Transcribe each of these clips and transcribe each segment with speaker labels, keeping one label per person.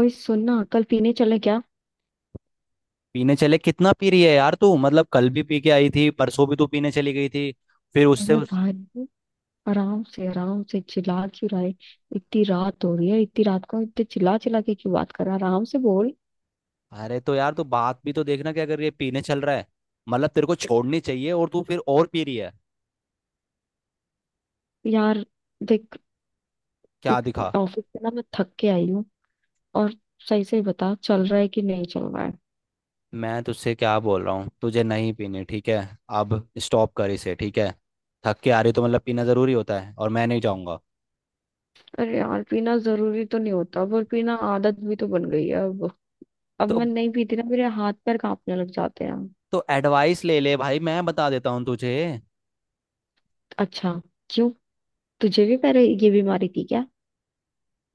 Speaker 1: ओए, सुनना। कल पीने चले क्या?
Speaker 2: पीने चले? कितना पी रही है यार तू। मतलब कल भी पी के आई थी, परसों भी तू पीने चली गई थी। फिर उससे
Speaker 1: अरे
Speaker 2: उस
Speaker 1: भाई, आराम से, आराम से। चिल्ला क्यों रहा है? इतनी रात हो रही है, इतनी रात को इतने चिल्ला चिल्ला के क्यों बात कर रहा है? आराम से बोल।
Speaker 2: अरे तो यार तू बात भी तो देखना क्या कर रही है। पीने चल रहा है, मतलब तेरे को छोड़नी चाहिए और तू फिर और पी रही है।
Speaker 1: यार देख,
Speaker 2: क्या दिखा।
Speaker 1: ऑफिस से ना मैं थक के आई हूँ। और सही से बता, चल रहा है कि नहीं चल रहा है?
Speaker 2: मैं तुझसे क्या बोल रहा हूँ, तुझे नहीं पीने, ठीक है। अब स्टॉप कर इसे, ठीक है। थक के आ रही तो मतलब पीना जरूरी होता है? और मैं नहीं जाऊंगा।
Speaker 1: अरे यार, पीना जरूरी तो नहीं होता पर पीना आदत भी तो बन गई है अब। अब
Speaker 2: तो
Speaker 1: मैं नहीं पीती ना, मेरे हाथ पैर कांपने लग जाते हैं।
Speaker 2: तो एडवाइस ले ले भाई, मैं बता देता हूँ तुझे।
Speaker 1: अच्छा, क्यों? तुझे भी पहले ये बीमारी थी क्या?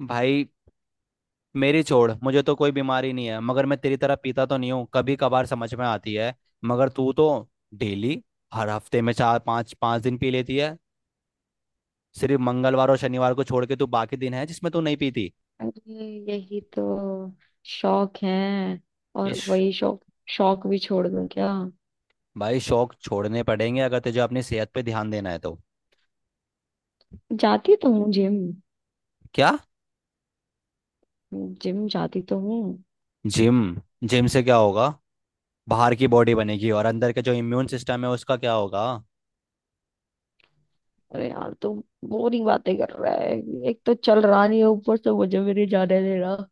Speaker 2: भाई मेरी छोड़, मुझे तो कोई बीमारी नहीं है, मगर मैं तेरी तरह पीता तो नहीं हूँ। कभी कभार समझ में आती है, मगर तू तो डेली, हर हफ्ते में चार पांच पांच दिन पी लेती है। सिर्फ मंगलवार और शनिवार को छोड़ के तू बाकी दिन है जिसमें तू नहीं पीती।
Speaker 1: अरे, यही तो शौक है। और
Speaker 2: इश।
Speaker 1: वही शौक, शौक भी छोड़ दूं क्या?
Speaker 2: भाई शौक छोड़ने पड़ेंगे, अगर तुझे अपनी सेहत पे ध्यान देना है तो।
Speaker 1: जाती तो हूँ जिम।
Speaker 2: क्या?
Speaker 1: जिम जाती तो हूँ।
Speaker 2: जिम जिम से क्या होगा? बाहर की बॉडी बनेगी और अंदर के जो इम्यून सिस्टम है उसका क्या होगा?
Speaker 1: अरे यार, तू बोरिंग बातें कर रहा है। एक तो चल रहा नहीं है, ऊपर से मुझे भी नहीं जाने दे रहा।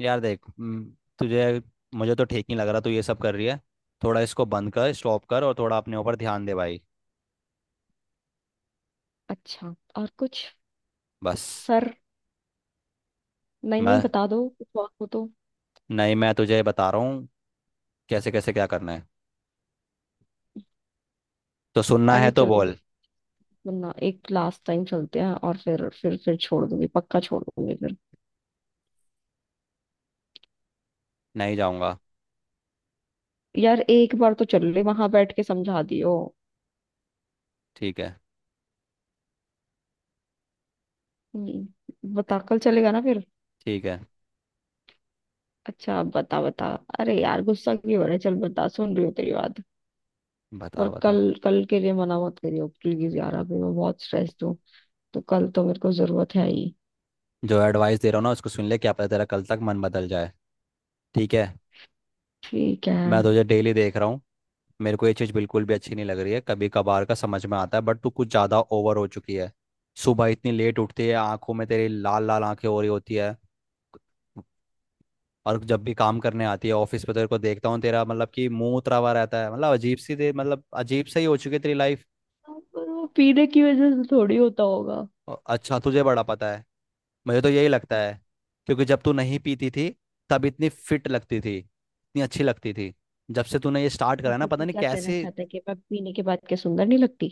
Speaker 2: यार देख, तुझे मुझे तो ठीक नहीं लग रहा तू ये सब कर रही है। थोड़ा इसको बंद कर, स्टॉप कर, और थोड़ा अपने ऊपर ध्यान दे भाई।
Speaker 1: अच्छा, और कुछ?
Speaker 2: बस।
Speaker 1: सर, नहीं नहीं,
Speaker 2: मैं
Speaker 1: बता दो कुछ और हो तो।
Speaker 2: नहीं मैं तुझे बता रहा हूँ कैसे कैसे क्या करना है। तो सुनना है
Speaker 1: अरे
Speaker 2: तो
Speaker 1: चल,
Speaker 2: बोल।
Speaker 1: सुनना, एक लास्ट टाइम चलते हैं और फिर छोड़ दूंगी, पक्का छोड़ दूंगी फिर।
Speaker 2: नहीं जाऊँगा।
Speaker 1: यार, एक बार तो चल ले, वहां बैठ के समझा दियो।
Speaker 2: ठीक है।
Speaker 1: बता, कल चलेगा ना फिर?
Speaker 2: ठीक है,
Speaker 1: अच्छा, बता बता। अरे यार, गुस्सा क्यों हो रहा है? चल बता, सुन रही हूँ तेरी बात।
Speaker 2: बता
Speaker 1: पर
Speaker 2: बता।
Speaker 1: कल, कल के लिए मना मत करियो प्लीज, यार अभी मैं बहुत स्ट्रेस्ड हूँ। तो कल तो मेरे को जरूरत है ही।
Speaker 2: जो एडवाइस दे रहा हूँ ना उसको सुन ले, क्या पता तेरा कल तक मन बदल जाए। ठीक है।
Speaker 1: ठीक है।
Speaker 2: मैं तुझे डेली देख रहा हूँ। मेरे को ये चीज़ बिल्कुल भी अच्छी नहीं लग रही है। कभी कभार का समझ में आता है, बट तू कुछ ज़्यादा ओवर हो चुकी है। सुबह इतनी लेट उठती है, आंखों में तेरी लाल लाल आंखें हो रही होती है। और जब भी काम करने आती है ऑफिस पे तो तेरे को देखता हूँ, तेरा मतलब कि मुंह उतरा हुआ रहता है। मतलब अजीब सी दे, मतलब अजीब सही हो चुकी है तेरी लाइफ।
Speaker 1: पर वो पीने की वजह से थोड़ी होता होगा।
Speaker 2: अच्छा तुझे बड़ा पता है। मुझे तो यही लगता है, क्योंकि जब तू नहीं पीती थी, तब इतनी फिट लगती थी, इतनी अच्छी लगती थी। जब से तूने ये स्टार्ट करा
Speaker 1: हाँ
Speaker 2: है ना,
Speaker 1: तो
Speaker 2: पता
Speaker 1: तू
Speaker 2: नहीं
Speaker 1: क्या कहना
Speaker 2: कैसे।
Speaker 1: चाहता है कि मैं पीने के बाद क्या सुंदर नहीं लगती?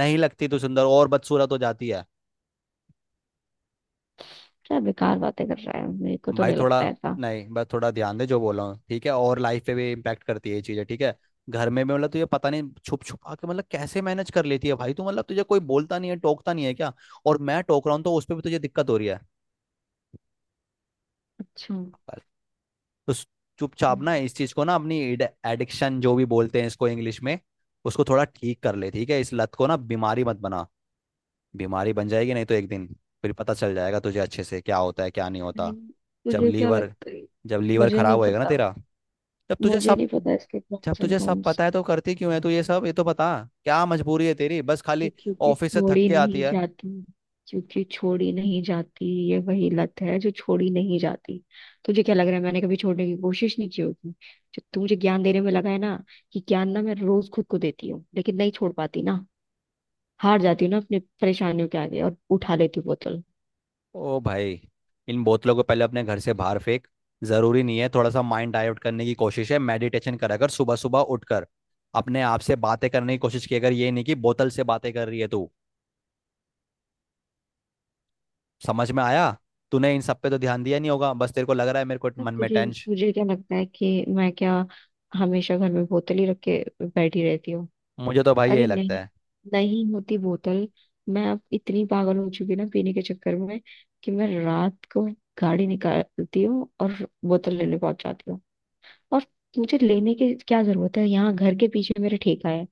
Speaker 2: नहीं लगती तू सुंदर और बदसूरत हो जाती है।
Speaker 1: क्या बेकार बातें कर रहा है, मेरे को तो
Speaker 2: भाई
Speaker 1: नहीं
Speaker 2: थोड़ा,
Speaker 1: लगता ऐसा।
Speaker 2: नहीं बस थोड़ा ध्यान दे जो बोल रहा हूँ, ठीक है। और लाइफ पे भी इम्पैक्ट करती है ये चीज़ें, ठीक है। घर में भी मतलब तुझे पता नहीं छुप छुपा के मतलब कैसे मैनेज कर लेती है भाई तू। मतलब तुझे कोई बोलता नहीं है, टोकता नहीं है क्या? और मैं टोक रहा हूँ तो उस पर भी तुझे दिक्कत हो रही है।
Speaker 1: अच्छा।
Speaker 2: पर तो स- चुपचाप ना इस चीज़ को ना अपनी एडिक्शन जो भी बोलते हैं इसको इंग्लिश में, उसको थोड़ा ठीक कर ले, ठीक है। इस लत को ना बीमारी मत बना, बीमारी बन जाएगी नहीं तो एक दिन। फिर पता चल जाएगा तुझे अच्छे से क्या होता है क्या नहीं होता।
Speaker 1: नहीं,
Speaker 2: जब
Speaker 1: तुझे क्या
Speaker 2: लीवर
Speaker 1: लगता है?
Speaker 2: जब लीवर
Speaker 1: मुझे
Speaker 2: खराब
Speaker 1: नहीं
Speaker 2: होएगा ना
Speaker 1: पता।
Speaker 2: तेरा, तब तुझे
Speaker 1: मुझे
Speaker 2: सब।
Speaker 1: नहीं पता इसके
Speaker 2: जब
Speaker 1: प्रॉस एंड।
Speaker 2: तुझे सब पता है तो करती क्यों है तू ये सब? ये तो बता क्या मजबूरी है तेरी, बस
Speaker 1: ये
Speaker 2: खाली
Speaker 1: क्योंकि
Speaker 2: ऑफिस से थक
Speaker 1: छोड़ी
Speaker 2: के आती
Speaker 1: नहीं
Speaker 2: है।
Speaker 1: जाती। क्योंकि छोड़ी नहीं जाती, ये वही लत है जो छोड़ी नहीं जाती। तुझे क्या लग रहा है, मैंने कभी छोड़ने की कोशिश नहीं की होगी? जो तू मुझे ज्ञान देने में लगा है ना, कि ज्ञान ना मैं रोज खुद को देती हूँ, लेकिन नहीं छोड़ पाती ना, हार जाती हूँ ना अपने परेशानियों के आगे और उठा लेती हूँ बोतल।
Speaker 2: ओ भाई इन बोतलों को पहले अपने घर से बाहर फेंक। जरूरी नहीं है, थोड़ा सा माइंड डाइवर्ट करने की कोशिश है। मेडिटेशन करा कर सुबह सुबह उठकर अपने आप से बातें करने की कोशिश किया कर, ये नहीं कि बोतल से बातें कर रही है तू। समझ में आया। तूने इन सब पे तो ध्यान दिया नहीं होगा, बस तेरे को लग रहा है मेरे को
Speaker 1: अब
Speaker 2: मन में
Speaker 1: तुझे
Speaker 2: टेंशन।
Speaker 1: तुझे क्या लगता है कि मैं क्या, हमेशा घर में बोतल ही रख के बैठी रहती हूँ?
Speaker 2: मुझे तो भाई
Speaker 1: अरे
Speaker 2: यही लगता
Speaker 1: नहीं,
Speaker 2: है।
Speaker 1: नहीं होती बोतल। मैं अब इतनी पागल हो चुकी ना पीने के चक्कर में कि मैं रात को गाड़ी निकालती हूँ और बोतल लेने पहुंच जाती हूँ। और मुझे लेने की क्या जरूरत है, यहाँ घर के पीछे मेरे ठेका है।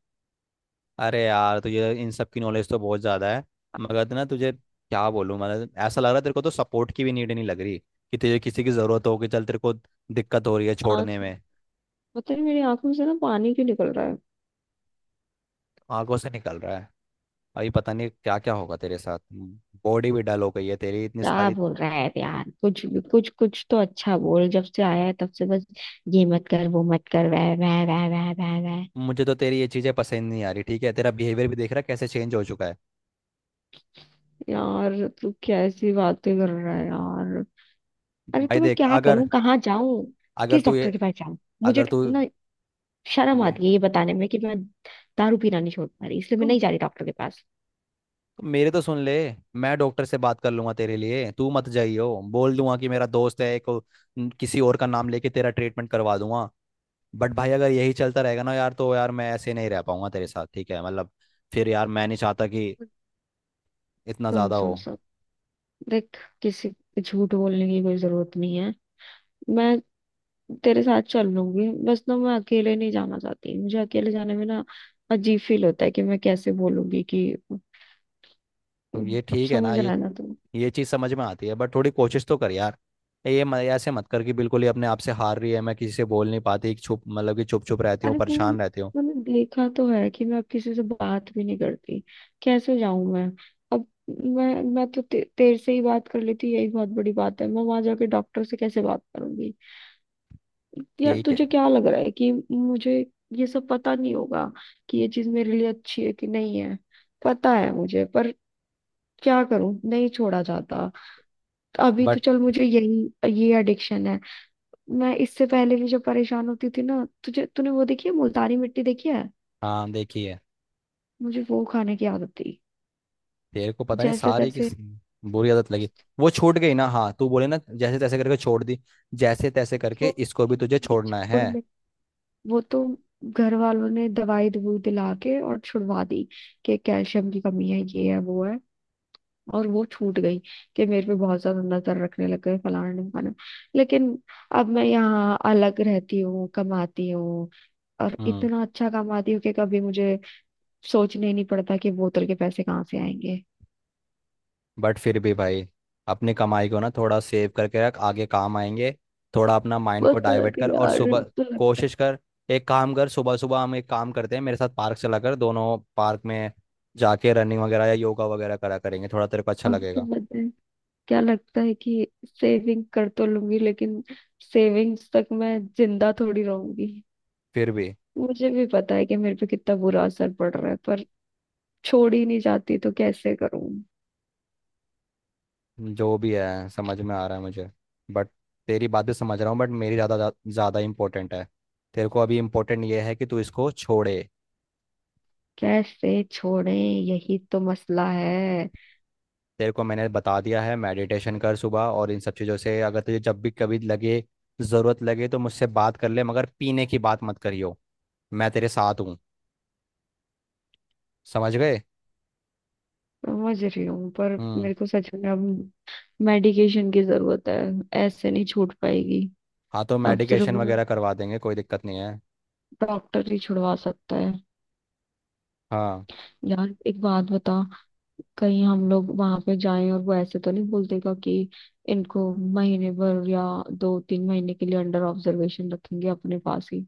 Speaker 2: अरे यार तुझे इन सब की नॉलेज तो बहुत ज़्यादा है, मगर ना तुझे क्या बोलूँ। मतलब ऐसा लग रहा है तेरे को तो सपोर्ट की भी नीड नहीं लग रही, कि तुझे किसी की ज़रूरत हो, कि चल तेरे को दिक्कत हो रही है
Speaker 1: आज
Speaker 2: छोड़ने में।
Speaker 1: पता नहीं मेरी आंखों से ना पानी क्यों निकल रहा है।
Speaker 2: आंखों से निकल रहा है? अभी पता नहीं क्या क्या होगा तेरे साथ। बॉडी भी डल हो गई है तेरी, इतनी
Speaker 1: क्या
Speaker 2: सारी।
Speaker 1: बोल रहा है यार, कुछ कुछ कुछ तो अच्छा बोल। जब से आया है तब से बस ये मत कर, वो मत कर, वह वह।
Speaker 2: मुझे तो तेरी ये चीज़ें पसंद नहीं आ रही, ठीक है। तेरा बिहेवियर भी देख रहा है कैसे चेंज हो चुका है।
Speaker 1: यार तू कैसी बातें कर रहा है यार। अरे, तो
Speaker 2: भाई
Speaker 1: मैं
Speaker 2: देख।
Speaker 1: क्या
Speaker 2: अगर
Speaker 1: करूं, कहाँ जाऊं?
Speaker 2: अगर
Speaker 1: किस
Speaker 2: तू ये
Speaker 1: डॉक्टर के पास जाऊं? मुझे
Speaker 2: अगर तू
Speaker 1: ना शर्म
Speaker 2: मे-
Speaker 1: आती है ये बताने में कि मैं दारू पीना नहीं छोड़ पा रही, इसलिए मैं
Speaker 2: तुम
Speaker 1: नहीं जा रही डॉक्टर के पास।
Speaker 2: मेरे तो सुन ले। मैं डॉक्टर से बात कर लूंगा तेरे लिए, तू मत जाइयो, बोल दूंगा कि मेरा दोस्त है एक। किसी और का नाम लेके तेरा ट्रीटमेंट करवा दूंगा। बट भाई अगर यही चलता रहेगा ना यार तो यार मैं ऐसे नहीं रह पाऊंगा तेरे साथ, ठीक है। मतलब फिर यार मैं नहीं चाहता कि इतना
Speaker 1: सुन
Speaker 2: ज़्यादा हो।
Speaker 1: सुन सुन, देख किसी को झूठ बोलने की कोई जरूरत नहीं है। मैं तेरे साथ चल लूंगी, बस ना मैं अकेले नहीं जाना चाहती। मुझे अकेले जाने में ना अजीब फील होता है कि मैं कैसे बोलूंगी कि,
Speaker 2: तो ये ठीक है ना
Speaker 1: समझ
Speaker 2: ये।
Speaker 1: रहा है ना?
Speaker 2: ये चीज़ समझ में आती है, बट थोड़ी कोशिश तो कर यार। ऐसे मत कर कि बिल्कुल ही अपने आप से हार रही है। मैं किसी से बोल नहीं पाती चुप, मतलब कि चुप चुप रहती हूँ,
Speaker 1: अरे वो,
Speaker 2: परेशान रहती हूँ।
Speaker 1: मैंने देखा तो है कि मैं अब किसी से बात भी नहीं करती। कैसे जाऊं मैं अब? मैं तो तेरे से ही बात कर लेती, यही बहुत बड़ी बात है, मैं वहां जाके डॉक्टर से कैसे बात करूंगी? यार
Speaker 2: ठीक
Speaker 1: तुझे
Speaker 2: है।
Speaker 1: क्या लग रहा है कि मुझे ये सब पता नहीं होगा कि ये चीज मेरे लिए अच्छी है कि नहीं है? पता है मुझे, पर क्या करूं, नहीं छोड़ा जाता। तो अभी तो
Speaker 2: बट
Speaker 1: चल मुझे, यही ये एडिक्शन है। मैं इससे पहले भी जो परेशान होती थी ना, तुझे तूने वो देखी है मुल्तानी मिट्टी देखी है।
Speaker 2: हाँ देखिए,
Speaker 1: मुझे वो खाने की आदत थी,
Speaker 2: तेरे को पता नहीं
Speaker 1: जैसे
Speaker 2: सारे की
Speaker 1: तैसे
Speaker 2: बुरी आदत लगी। वो छूट गई ना, हाँ तू बोले ना जैसे तैसे करके छोड़ दी, जैसे तैसे करके
Speaker 1: छोड़
Speaker 2: इसको भी
Speaker 1: दी
Speaker 2: तुझे
Speaker 1: थी,
Speaker 2: छोड़ना
Speaker 1: छोड़
Speaker 2: है।
Speaker 1: में वो तो घर वालों ने दवाई दवूई दिला के और छुड़वा दी कि कैल्शियम की कमी है, ये है वो है, और वो छूट गई। कि मेरे पे बहुत ज्यादा नजर रखने लग गए, फलाना ढिमकाना। लेकिन अब मैं यहाँ अलग रहती हूँ, कमाती हूँ। और
Speaker 2: हम्म।
Speaker 1: इतना अच्छा कमाती हूँ कि कभी मुझे सोचने ही नहीं पड़ता कि बोतल के पैसे कहाँ से आएंगे।
Speaker 2: बट फिर भी भाई अपनी कमाई को ना थोड़ा सेव करके रख, आगे काम आएंगे। थोड़ा अपना माइंड को
Speaker 1: बोतल
Speaker 2: डाइवर्ट
Speaker 1: भी
Speaker 2: कर और
Speaker 1: यार
Speaker 2: सुबह
Speaker 1: अब तो लगता है।
Speaker 2: कोशिश कर। एक काम कर, सुबह सुबह हम एक काम करते हैं, मेरे साथ पार्क चला कर दोनों, पार्क में जाके रनिंग वगैरह या योगा वगैरह करा करेंगे, थोड़ा तेरे को अच्छा
Speaker 1: अब तो
Speaker 2: लगेगा।
Speaker 1: लगता है, क्या लगता है कि सेविंग कर तो लूंगी, लेकिन सेविंग्स तक मैं जिंदा थोड़ी रहूंगी।
Speaker 2: फिर भी
Speaker 1: मुझे भी पता है कि मेरे पे कितना बुरा असर पड़ रहा है, पर छोड़ ही नहीं जाती तो कैसे करूं?
Speaker 2: जो भी है समझ में आ रहा है मुझे। बट तेरी बात भी समझ रहा हूँ, बट मेरी ज़्यादा ज़्यादा इम्पोर्टेंट है। तेरे को अभी इम्पोर्टेंट ये है कि तू इसको छोड़े।
Speaker 1: कैसे छोड़े, यही तो मसला है।
Speaker 2: तेरे को मैंने बता दिया है, मेडिटेशन कर सुबह, और इन सब चीज़ों से अगर तुझे जब भी कभी लगे, ज़रूरत लगे तो मुझसे बात कर ले, मगर पीने की बात मत करियो। मैं तेरे साथ हूँ। समझ गए।
Speaker 1: समझ रही हूँ पर
Speaker 2: हम्म।
Speaker 1: मेरे को सच में अब मेडिकेशन की जरूरत है। ऐसे नहीं छूट पाएगी,
Speaker 2: हाँ तो
Speaker 1: अब सिर्फ
Speaker 2: मेडिकेशन वगैरह करवा देंगे, कोई दिक्कत नहीं है।
Speaker 1: डॉक्टर ही छुड़वा सकता है।
Speaker 2: हाँ।
Speaker 1: यार एक बात बता, कहीं हम लोग वहां पे जाएं और वो ऐसे तो नहीं बोल देगा कि इनको महीने भर या दो तीन महीने के लिए अंडर ऑब्जर्वेशन रखेंगे अपने पास ही?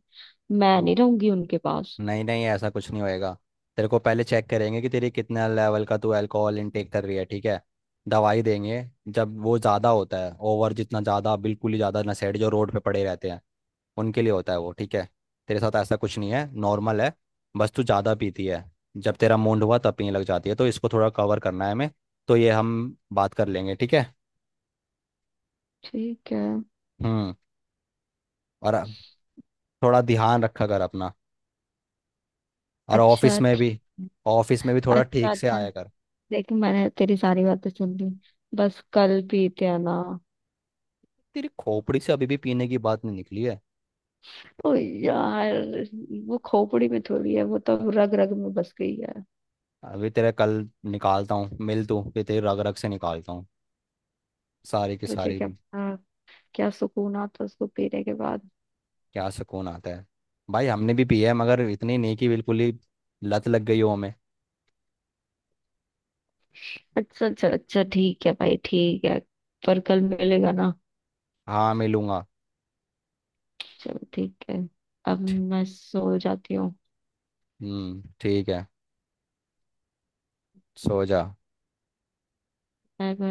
Speaker 1: मैं नहीं रहूंगी उनके पास।
Speaker 2: नहीं नहीं, ऐसा कुछ नहीं होएगा। तेरे को पहले चेक करेंगे कि तेरी कितना लेवल का तू अल्कोहल इनटेक कर रही है, ठीक है। दवाई देंगे। जब वो ज़्यादा होता है ओवर, जितना ज़्यादा बिल्कुल ही ज़्यादा नशेड़ी जो रोड पे पड़े रहते हैं उनके लिए होता है वो, ठीक है। तेरे साथ ऐसा कुछ नहीं है, नॉर्मल है। बस तू ज़्यादा पीती है, जब तेरा मूड हुआ तब पीने लग जाती है, तो इसको थोड़ा कवर करना है हमें। तो ये हम बात कर लेंगे, ठीक है।
Speaker 1: ठीक है।
Speaker 2: हम्म। और थोड़ा ध्यान रखा कर अपना, और
Speaker 1: अच्छा
Speaker 2: ऑफिस में
Speaker 1: ठीक
Speaker 2: भी, ऑफिस में भी
Speaker 1: है।
Speaker 2: थोड़ा
Speaker 1: अच्छा
Speaker 2: ठीक से
Speaker 1: अच्छा,
Speaker 2: आया कर।
Speaker 1: देख मैंने तेरी सारी बातें सुन ली, बस कल पीते हैं ना?
Speaker 2: तेरी खोपड़ी से अभी भी पीने की बात नहीं निकली है।
Speaker 1: ओ यार, वो खोपड़ी में थोड़ी है, वो तो रग रग में बस गई है।
Speaker 2: अभी तेरा कल निकालता हूँ मिल तू, फिर तेरी रग रग से निकालता हूँ सारी की
Speaker 1: तुझे
Speaker 2: सारी।
Speaker 1: क्या आ, क्या सुकून आता उसको पीने के बाद?
Speaker 2: क्या सुकून आता है? भाई हमने भी पिया है मगर इतनी नहीं कि बिल्कुल ही लत लग गई हो हमें।
Speaker 1: अच्छा अच्छा अच्छा, ठीक है भाई, ठीक है। पर कल मिलेगा ना?
Speaker 2: हाँ मिलूंगा।
Speaker 1: चलो ठीक है। अब मैं सो जाती हूँ।
Speaker 2: हम्म, ठीक है। सो जा।
Speaker 1: बाय।